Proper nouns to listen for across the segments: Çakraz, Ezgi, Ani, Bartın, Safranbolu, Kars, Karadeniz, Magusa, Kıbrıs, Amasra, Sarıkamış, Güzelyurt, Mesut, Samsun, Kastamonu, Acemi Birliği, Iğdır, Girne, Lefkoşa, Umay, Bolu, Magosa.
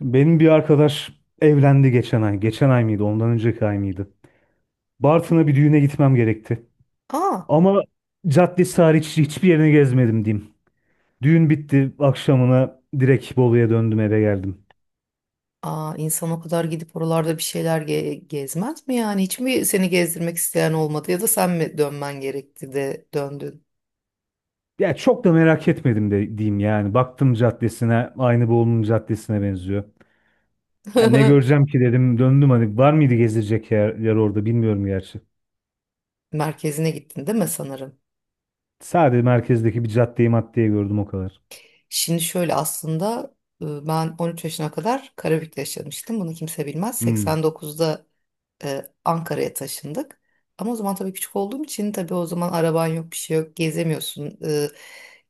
Benim bir arkadaş evlendi geçen ay. Geçen ay mıydı? Ondan önceki ay mıydı? Bartın'a bir düğüne gitmem gerekti. Aa, Ama caddesi hariç hiçbir yerini gezmedim diyeyim. Düğün bitti. Akşamına direkt Bolu'ya döndüm eve geldim. aa, insan o kadar gidip oralarda bir şeyler gezmez mi yani? Hiç mi seni gezdirmek isteyen olmadı ya da sen mi dönmen gerekti de döndün? Ya çok da merak etmedim de diyeyim yani. Baktım caddesine aynı Bolu'nun caddesine benziyor. Ya ne göreceğim ki dedim döndüm hani var mıydı gezilecek yer, orada bilmiyorum gerçi. Merkezine gittin değil mi sanırım? Sadece merkezdeki bir caddeyi maddeye gördüm o kadar. Şimdi şöyle aslında ben 13 yaşına kadar Karabük'te yaşamıştım. Bunu kimse bilmez. Hmm. 89'da Ankara'ya taşındık. Ama o zaman tabii küçük olduğum için, tabii o zaman araban yok, bir şey yok, gezemiyorsun.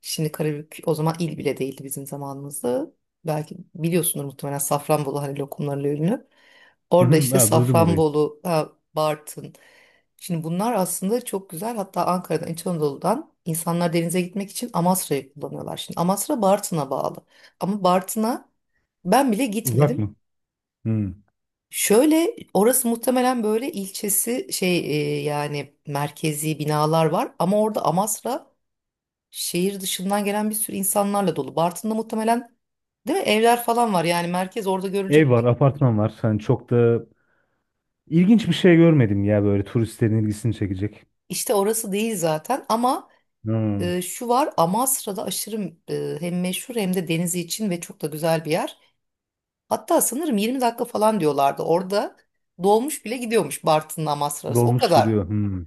Şimdi Karabük o zaman il bile değildi bizim zamanımızda. Belki biliyorsunuz, muhtemelen Safranbolu hani lokumlarla ünlü. Hı Orada hı. işte Ha, duydum orayı. Safranbolu, ha, Bartın. Şimdi bunlar aslında çok güzel. Hatta Ankara'dan, İç Anadolu'dan insanlar denize gitmek için Amasra'yı kullanıyorlar. Şimdi Amasra Bartın'a bağlı. Ama Bartın'a ben bile Uzak gitmedim. mı? Hmm. Şöyle, orası muhtemelen böyle ilçesi şey, yani merkezi binalar var, ama orada Amasra şehir dışından gelen bir sürü insanlarla dolu. Bartın'da muhtemelen, değil mi, evler falan var yani, merkez orada Ev görülecek var, apartman var. Hani çok da ilginç bir şey görmedim ya böyle turistlerin ilgisini çekecek. işte orası değil zaten. Ama Hmm. Şu var, Amasra'da aşırı, hem meşhur hem de denizi için, ve çok da güzel bir yer. Hatta sanırım 20 dakika falan diyorlardı, orada dolmuş bile gidiyormuş Bartın'la Amasra arası, o Dolmuş kadar. gidiyor. Hmm.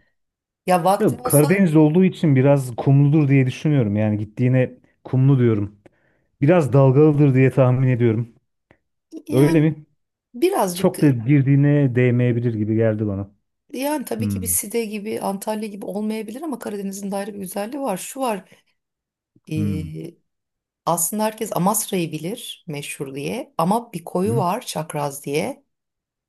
Ya vaktim Tabii olsa Karadeniz olduğu için biraz kumludur diye düşünüyorum. Yani gittiğine kumlu diyorum. Biraz dalgalıdır diye tahmin ediyorum. Öyle yani, mi? birazcık. Çok da girdiğine değmeyebilir gibi geldi bana. Yani tabii ki bir Hmm. Side gibi, Antalya gibi olmayabilir ama Karadeniz'in de ayrı bir güzelliği var. Şu var, Hmm. e, aslında herkes Amasra'yı bilir meşhur diye ama bir koyu Hmm. var, Çakraz diye,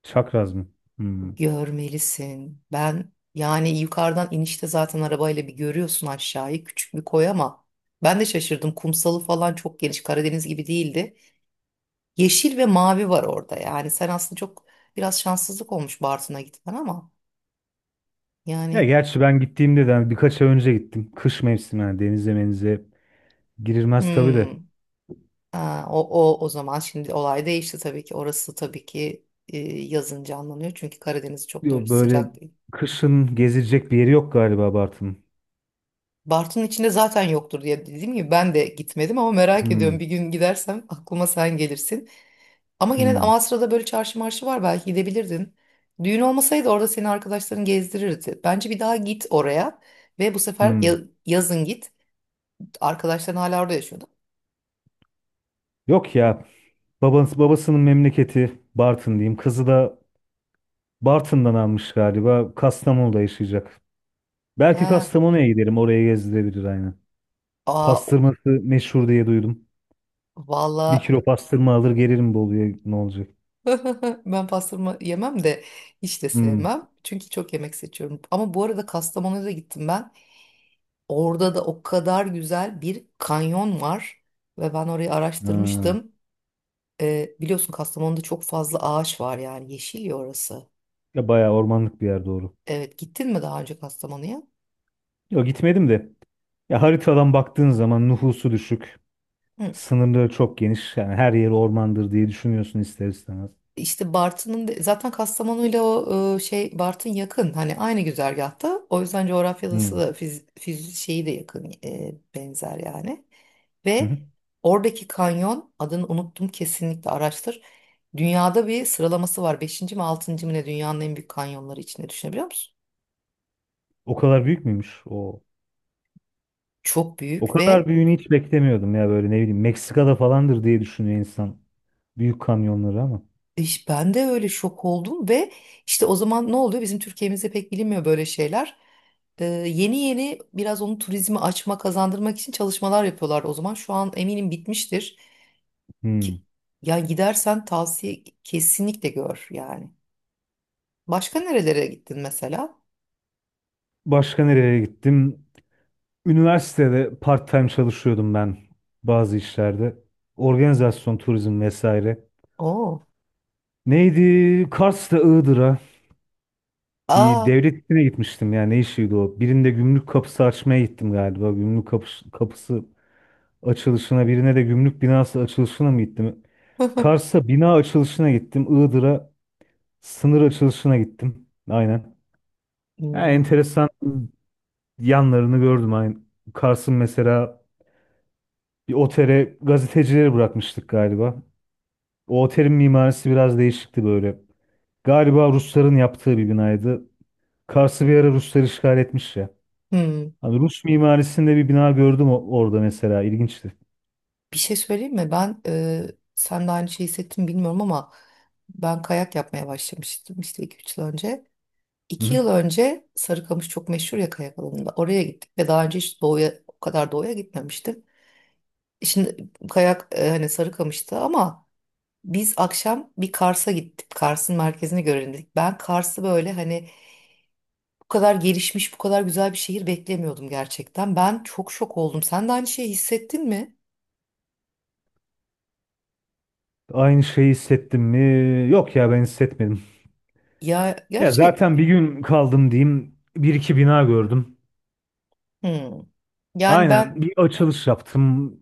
Çakraz mı? Hmm. görmelisin. Ben yani, yukarıdan inişte zaten arabayla bir görüyorsun aşağıyı, küçük bir koy, ama ben de şaşırdım. Kumsalı falan çok geniş, Karadeniz gibi değildi. Yeşil ve mavi var orada, yani sen aslında çok, biraz şanssızlık olmuş Bartın'a gitmen, ama Ya yani, gerçi ben gittiğimde de hani birkaç ay önce gittim. Kış mevsimi yani denize menize girilmez tabii de. hmm. Ha, o zaman şimdi olay değişti tabii ki. Orası tabii ki yazın canlanıyor. Çünkü Karadeniz çok da öyle Yo, böyle sıcak değil. kışın gezilecek bir yeri yok galiba Bartın. Bartın içinde zaten yoktur diye, dediğim gibi ben de gitmedim, ama merak ediyorum. Hmm, Bir gün gidersem aklıma sen gelirsin. Ama gene de hmm, Amasra'da böyle çarşı marşı var, belki gidebilirdin. Düğün olmasaydı orada seni arkadaşların gezdirirdi. Bence bir daha git oraya, ve bu sefer hmm. yazın git. Arkadaşların hala orada yaşıyordu. Yok ya. Babasının memleketi Bartın diyeyim. Kızı da Bartın'dan almış galiba. Kastamonu'da yaşayacak. Belki Ha, Kastamonu'ya giderim. Oraya gezdirebilir aynen. aa, Pastırması meşhur diye duydum. Bir valla. kilo pastırma alır gelirim Bolu'ya ne olacak? Ben pastırma yemem de hiç de Hmm. sevmem. Çünkü çok yemek seçiyorum. Ama bu arada Kastamonu'ya da gittim ben. Orada da o kadar güzel bir kanyon var. Ve ben orayı Ha. araştırmıştım. Biliyorsun Kastamonu'da çok fazla ağaç var yani. Yeşil ya orası. Ya bayağı ormanlık bir yer doğru. Evet, gittin mi daha önce Kastamonu'ya? Yok gitmedim de. Ya haritadan baktığın zaman nüfusu düşük. Hı. Sınırları çok geniş. Yani her yeri ormandır diye düşünüyorsun ister istemez. İşte Bartın'ın zaten Kastamonu'yla o şey, Bartın yakın hani, aynı güzergahta, o yüzden coğrafyası Hmm. da şeyi de yakın, benzer yani. Hı Ve hı. oradaki kanyon, adını unuttum, kesinlikle araştır. Dünyada bir sıralaması var, beşinci mi altıncı mı ne, dünyanın en büyük kanyonları içinde, düşünebiliyor musun? O kadar büyük müymüş o? Çok O büyük kadar ve... büyüğünü hiç beklemiyordum ya böyle ne bileyim Meksika'da falandır diye düşünüyor insan. Büyük kamyonları ama. Ben de öyle şok oldum. Ve işte, o zaman ne oluyor? Bizim Türkiye'mizde pek bilinmiyor böyle şeyler. Yeni yeni biraz onu, turizmi açma, kazandırmak için çalışmalar yapıyorlar o zaman. Şu an eminim bitmiştir. Hmm. Ki, yani gidersen tavsiye, kesinlikle gör yani. Başka nerelere gittin mesela? Başka nereye gittim? Üniversitede part-time çalışıyordum ben bazı işlerde. Organizasyon, turizm vesaire. Oo. Neydi? Kars'ta Iğdır'a bir Aa. devlet işine gitmiştim ya ne işiydi o? Birinde gümrük kapısı açmaya gittim galiba. Gümrük kapısı, açılışına birine de gümrük binası açılışına mı gittim? Kars'a bina açılışına gittim. Iğdır'a sınır açılışına gittim. Aynen. Yani Hmm. enteresan yanlarını gördüm. Aynen. Kars'ın mesela bir otele gazetecileri bırakmıştık galiba. O otelin mimarisi biraz değişikti böyle. Galiba Rusların yaptığı bir binaydı. Kars'ı bir ara Ruslar işgal etmiş ya. Hmm. Hani Rus mimarisinde bir bina gördüm orada mesela. İlginçti. Bir şey söyleyeyim mi? Ben, sen de aynı şeyi hissettin bilmiyorum ama ben kayak yapmaya başlamıştım işte iki üç yıl önce. Hı 2 hı. yıl önce Sarıkamış çok meşhur ya kayak alanında. Oraya gittik ve daha önce hiç doğuya, o kadar doğuya gitmemiştim. Şimdi kayak, hani Sarıkamış'ta, ama biz akşam bir Kars'a gittik. Kars'ın merkezini görelim dedik. Ben Kars'ı böyle hani bu kadar gelişmiş, bu kadar güzel bir şehir beklemiyordum gerçekten. Ben çok şok oldum. Sen de aynı şeyi hissettin mi? Aynı şeyi hissettim mi? Yok ya ben hissetmedim. Ya Ya gerçek. zaten bir gün kaldım diyeyim. Bir iki bina gördüm. Hmm. Yani ben... Aynen bir açılış yaptım.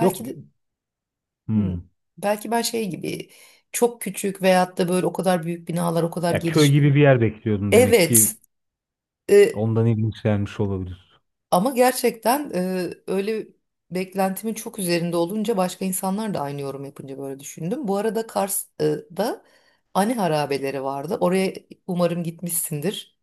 Yok bir- de, hmm, Hmm. belki ben şey gibi çok küçük, veyahut da böyle o kadar büyük binalar o kadar Ya köy gelişmiyor. gibi bir yer bekliyordum demek ki Evet, e, ondan ilginç gelmiş olabilir. ama gerçekten öyle, beklentimin çok üzerinde olunca, başka insanlar da aynı yorum yapınca böyle düşündüm. Bu arada Kars'da Ani harabeleri vardı. Oraya umarım gitmişsindir.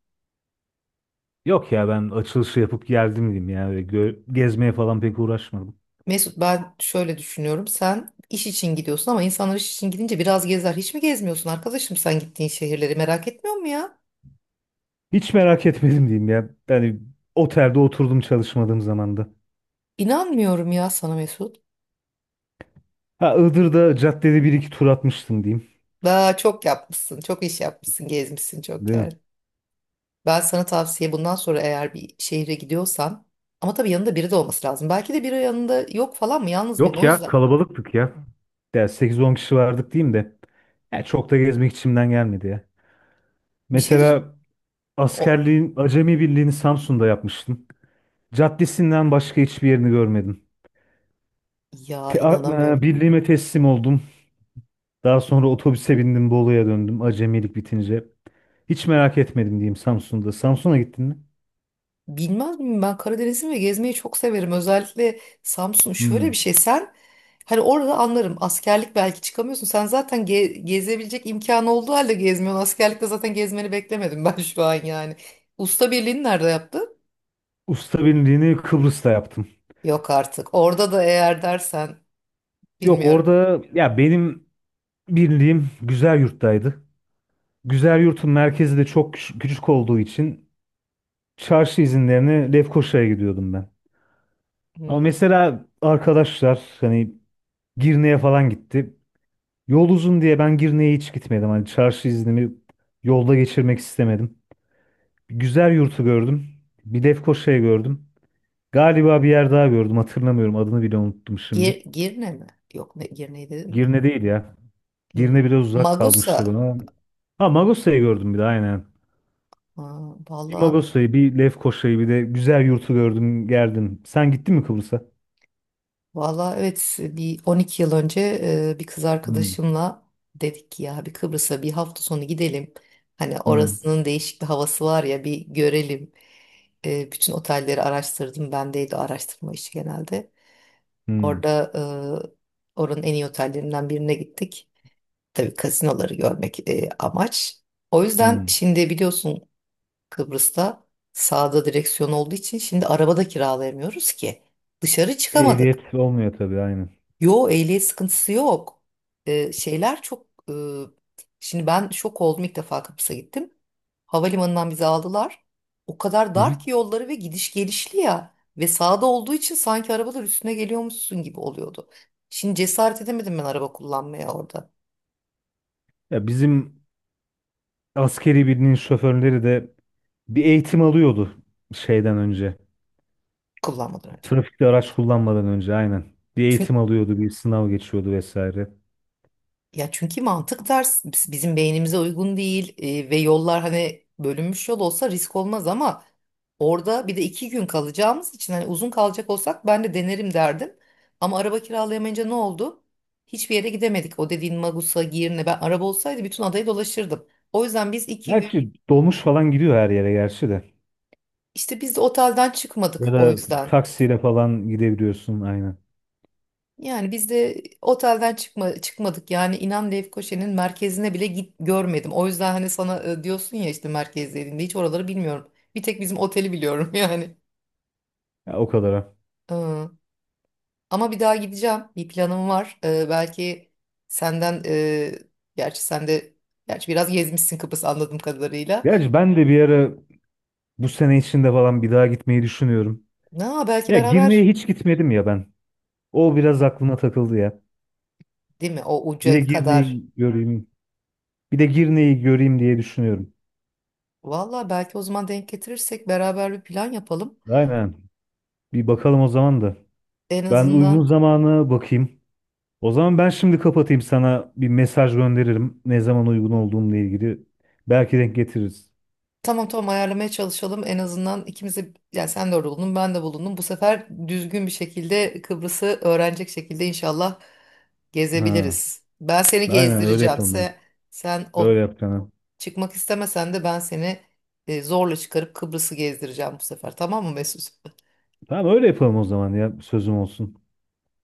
Yok ya ben açılışı yapıp geldim diyeyim ya. Öyle gezmeye falan pek uğraşmadım. Mesut, ben şöyle düşünüyorum. Sen iş için gidiyorsun ama insanlar iş için gidince biraz gezer. Hiç mi gezmiyorsun arkadaşım, sen gittiğin şehirleri merak etmiyor mu ya? Hiç merak etmedim diyeyim ya. Yani otelde oturdum çalışmadığım zamanda. İnanmıyorum ya sana Mesut. Ha Iğdır'da caddede bir iki tur atmıştım diyeyim. Daha çok yapmışsın, çok iş yapmışsın, gezmişsin çok Değil yer. mi? Ben sana tavsiye, bundan sonra eğer bir şehre gidiyorsan, ama tabii yanında biri de olması lazım. Belki de biri yanında yok falan mı, yalnız mıydın? Yok O ya yüzden kalabalıktık ya. Ya 8-10 kişi vardık diyeyim de. Ya çok da gezmek içimden gelmedi ya. bir şey düş- Mesela o askerliğin Acemi Birliği'ni Samsun'da yapmıştım. Caddesinden başka hiçbir yerini görmedim. ya inanamıyorum. Birliğime teslim oldum. Daha sonra otobüse bindim Bolu'ya döndüm acemilik bitince. Hiç merak etmedim diyeyim Samsun'da. Samsun'a gittin mi? Bilmez miyim ben, Karadeniz'im ve gezmeyi çok severim. Özellikle Samsun, şöyle bir Hmm. şey sen, hani orada anlarım askerlik, belki çıkamıyorsun. Sen zaten gezebilecek imkanı olduğu halde gezmiyorsun. Askerlikte zaten gezmeni beklemedim ben şu an yani. Usta birliğini nerede yaptın? Usta birliğini Kıbrıs'ta yaptım. Yok artık. Orada da eğer dersen Yok bilmiyorum. orada ya benim birliğim Güzelyurt'taydı. Güzelyurt'un merkezi de çok küçük olduğu için çarşı izinlerine Lefkoşa'ya gidiyordum ben. Ama Hmm. mesela arkadaşlar hani Girne'ye falan gitti. Yol uzun diye ben Girne'ye hiç gitmedim. Hani çarşı iznimi yolda geçirmek istemedim. Güzel yurtu gördüm. Bir Lefkoşa'yı gördüm. Galiba bir yer daha gördüm. Hatırlamıyorum. Adını bile unuttum şimdi. Girne mi? Yok, ne Girne'yi dedim mi? Girne değil ya. Girne Hmm. biraz uzak kalmıştı Magusa. bana. Ha Magosa'yı gördüm bir de aynen. Aa, Bir valla. Magosa'yı, bir Lefkoşa'yı, bir de güzel yurtu gördüm, gerdim. Sen gittin mi Kıbrıs'a? Valla evet, bir 12 yıl önce, bir kız Hmm, arkadaşımla dedik ki ya bir Kıbrıs'a bir hafta sonu gidelim. Hani hmm, orasının değişik bir havası var ya, bir görelim. Bütün otelleri araştırdım. Bendeydi o araştırma işi genelde. hmm, Orada, oranın en iyi otellerinden birine gittik. Tabii gazinoları görmek, amaç. O yüzden, hmm. şimdi biliyorsun, Kıbrıs'ta sağda direksiyon olduğu için şimdi arabada kiralayamıyoruz ki. Dışarı çıkamadık. Ehliyet olmuyor tabii aynen. Yo, ehliyet sıkıntısı yok. Şeyler çok... şimdi ben şok oldum, ilk defa Kıbrıs'a gittim. Havalimanından bizi aldılar. O kadar Hı dar hı. ki yolları, ve gidiş gelişli ya. Ve sağda olduğu için sanki arabalar üstüne geliyormuşsun gibi oluyordu. Şimdi cesaret edemedim ben araba kullanmaya orada. Ya bizim askeri birinin şoförleri de bir eğitim alıyordu şeyden önce. Kullanmadan önce. Trafikte araç kullanmadan önce aynen. Bir Çünkü eğitim alıyordu, bir sınav geçiyordu vesaire. Ya çünkü mantık ters, bizim beynimize uygun değil, ve yollar, hani bölünmüş yol olsa risk olmaz ama, orada bir de iki gün kalacağımız için, hani uzun kalacak olsak ben de denerim derdim. Ama araba kiralayamayınca ne oldu? Hiçbir yere gidemedik. O dediğin Magus'a, Girne, ben araba olsaydı bütün adayı dolaşırdım. O yüzden biz iki gün Gerçi dolmuş falan gidiyor her yere gerçi de. işte, biz de otelden çıkmadık Ya o da yüzden. taksiyle falan gidebiliyorsun aynen. Yani biz de otelden çıkmadık, yani inan Lefkoşa'nın merkezine bile git görmedim. O yüzden hani sana, diyorsun ya işte merkezlerinde, hiç oraları bilmiyorum. Bir tek bizim oteli biliyorum yani. Ya o kadara. Ee, Ama bir daha gideceğim. Bir planım var. Belki senden, gerçi sen de, gerçi biraz gezmişsin Kıbrıs anladığım kadarıyla. Gerçi ben de bir ara bu sene içinde falan bir daha gitmeyi düşünüyorum. Na belki Ya Girne'ye beraber, hiç gitmedim ya ben. O biraz aklıma takıldı ya. değil mi, o Bir de uca kadar. Girne'yi göreyim. Bir de Girne'yi göreyim diye düşünüyorum. Valla belki o zaman denk getirirsek beraber bir plan yapalım. Aynen. Bir bakalım o zaman da. En Ben uygun azından. zamana bakayım. O zaman ben şimdi kapatayım sana bir mesaj gönderirim. Ne zaman uygun olduğumla ilgili. Belki denk getiririz. Tamam tamam, ayarlamaya çalışalım. En azından ikimiz de, yani sen de orada bulundun, ben de bulundum. Bu sefer düzgün bir şekilde Kıbrıs'ı öğrenecek şekilde inşallah Ha, gezebiliriz. Ben seni aynen öyle gezdireceğim. yapalım ya. Sen Öyle o, yapalım. çıkmak istemesen de, ben seni zorla çıkarıp Kıbrıs'ı gezdireceğim bu sefer. Tamam mı Mesut? Tamam öyle yapalım o zaman ya. Sözüm olsun.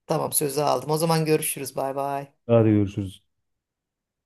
Tamam, sözü aldım. O zaman görüşürüz. Bay bay. Hadi görüşürüz.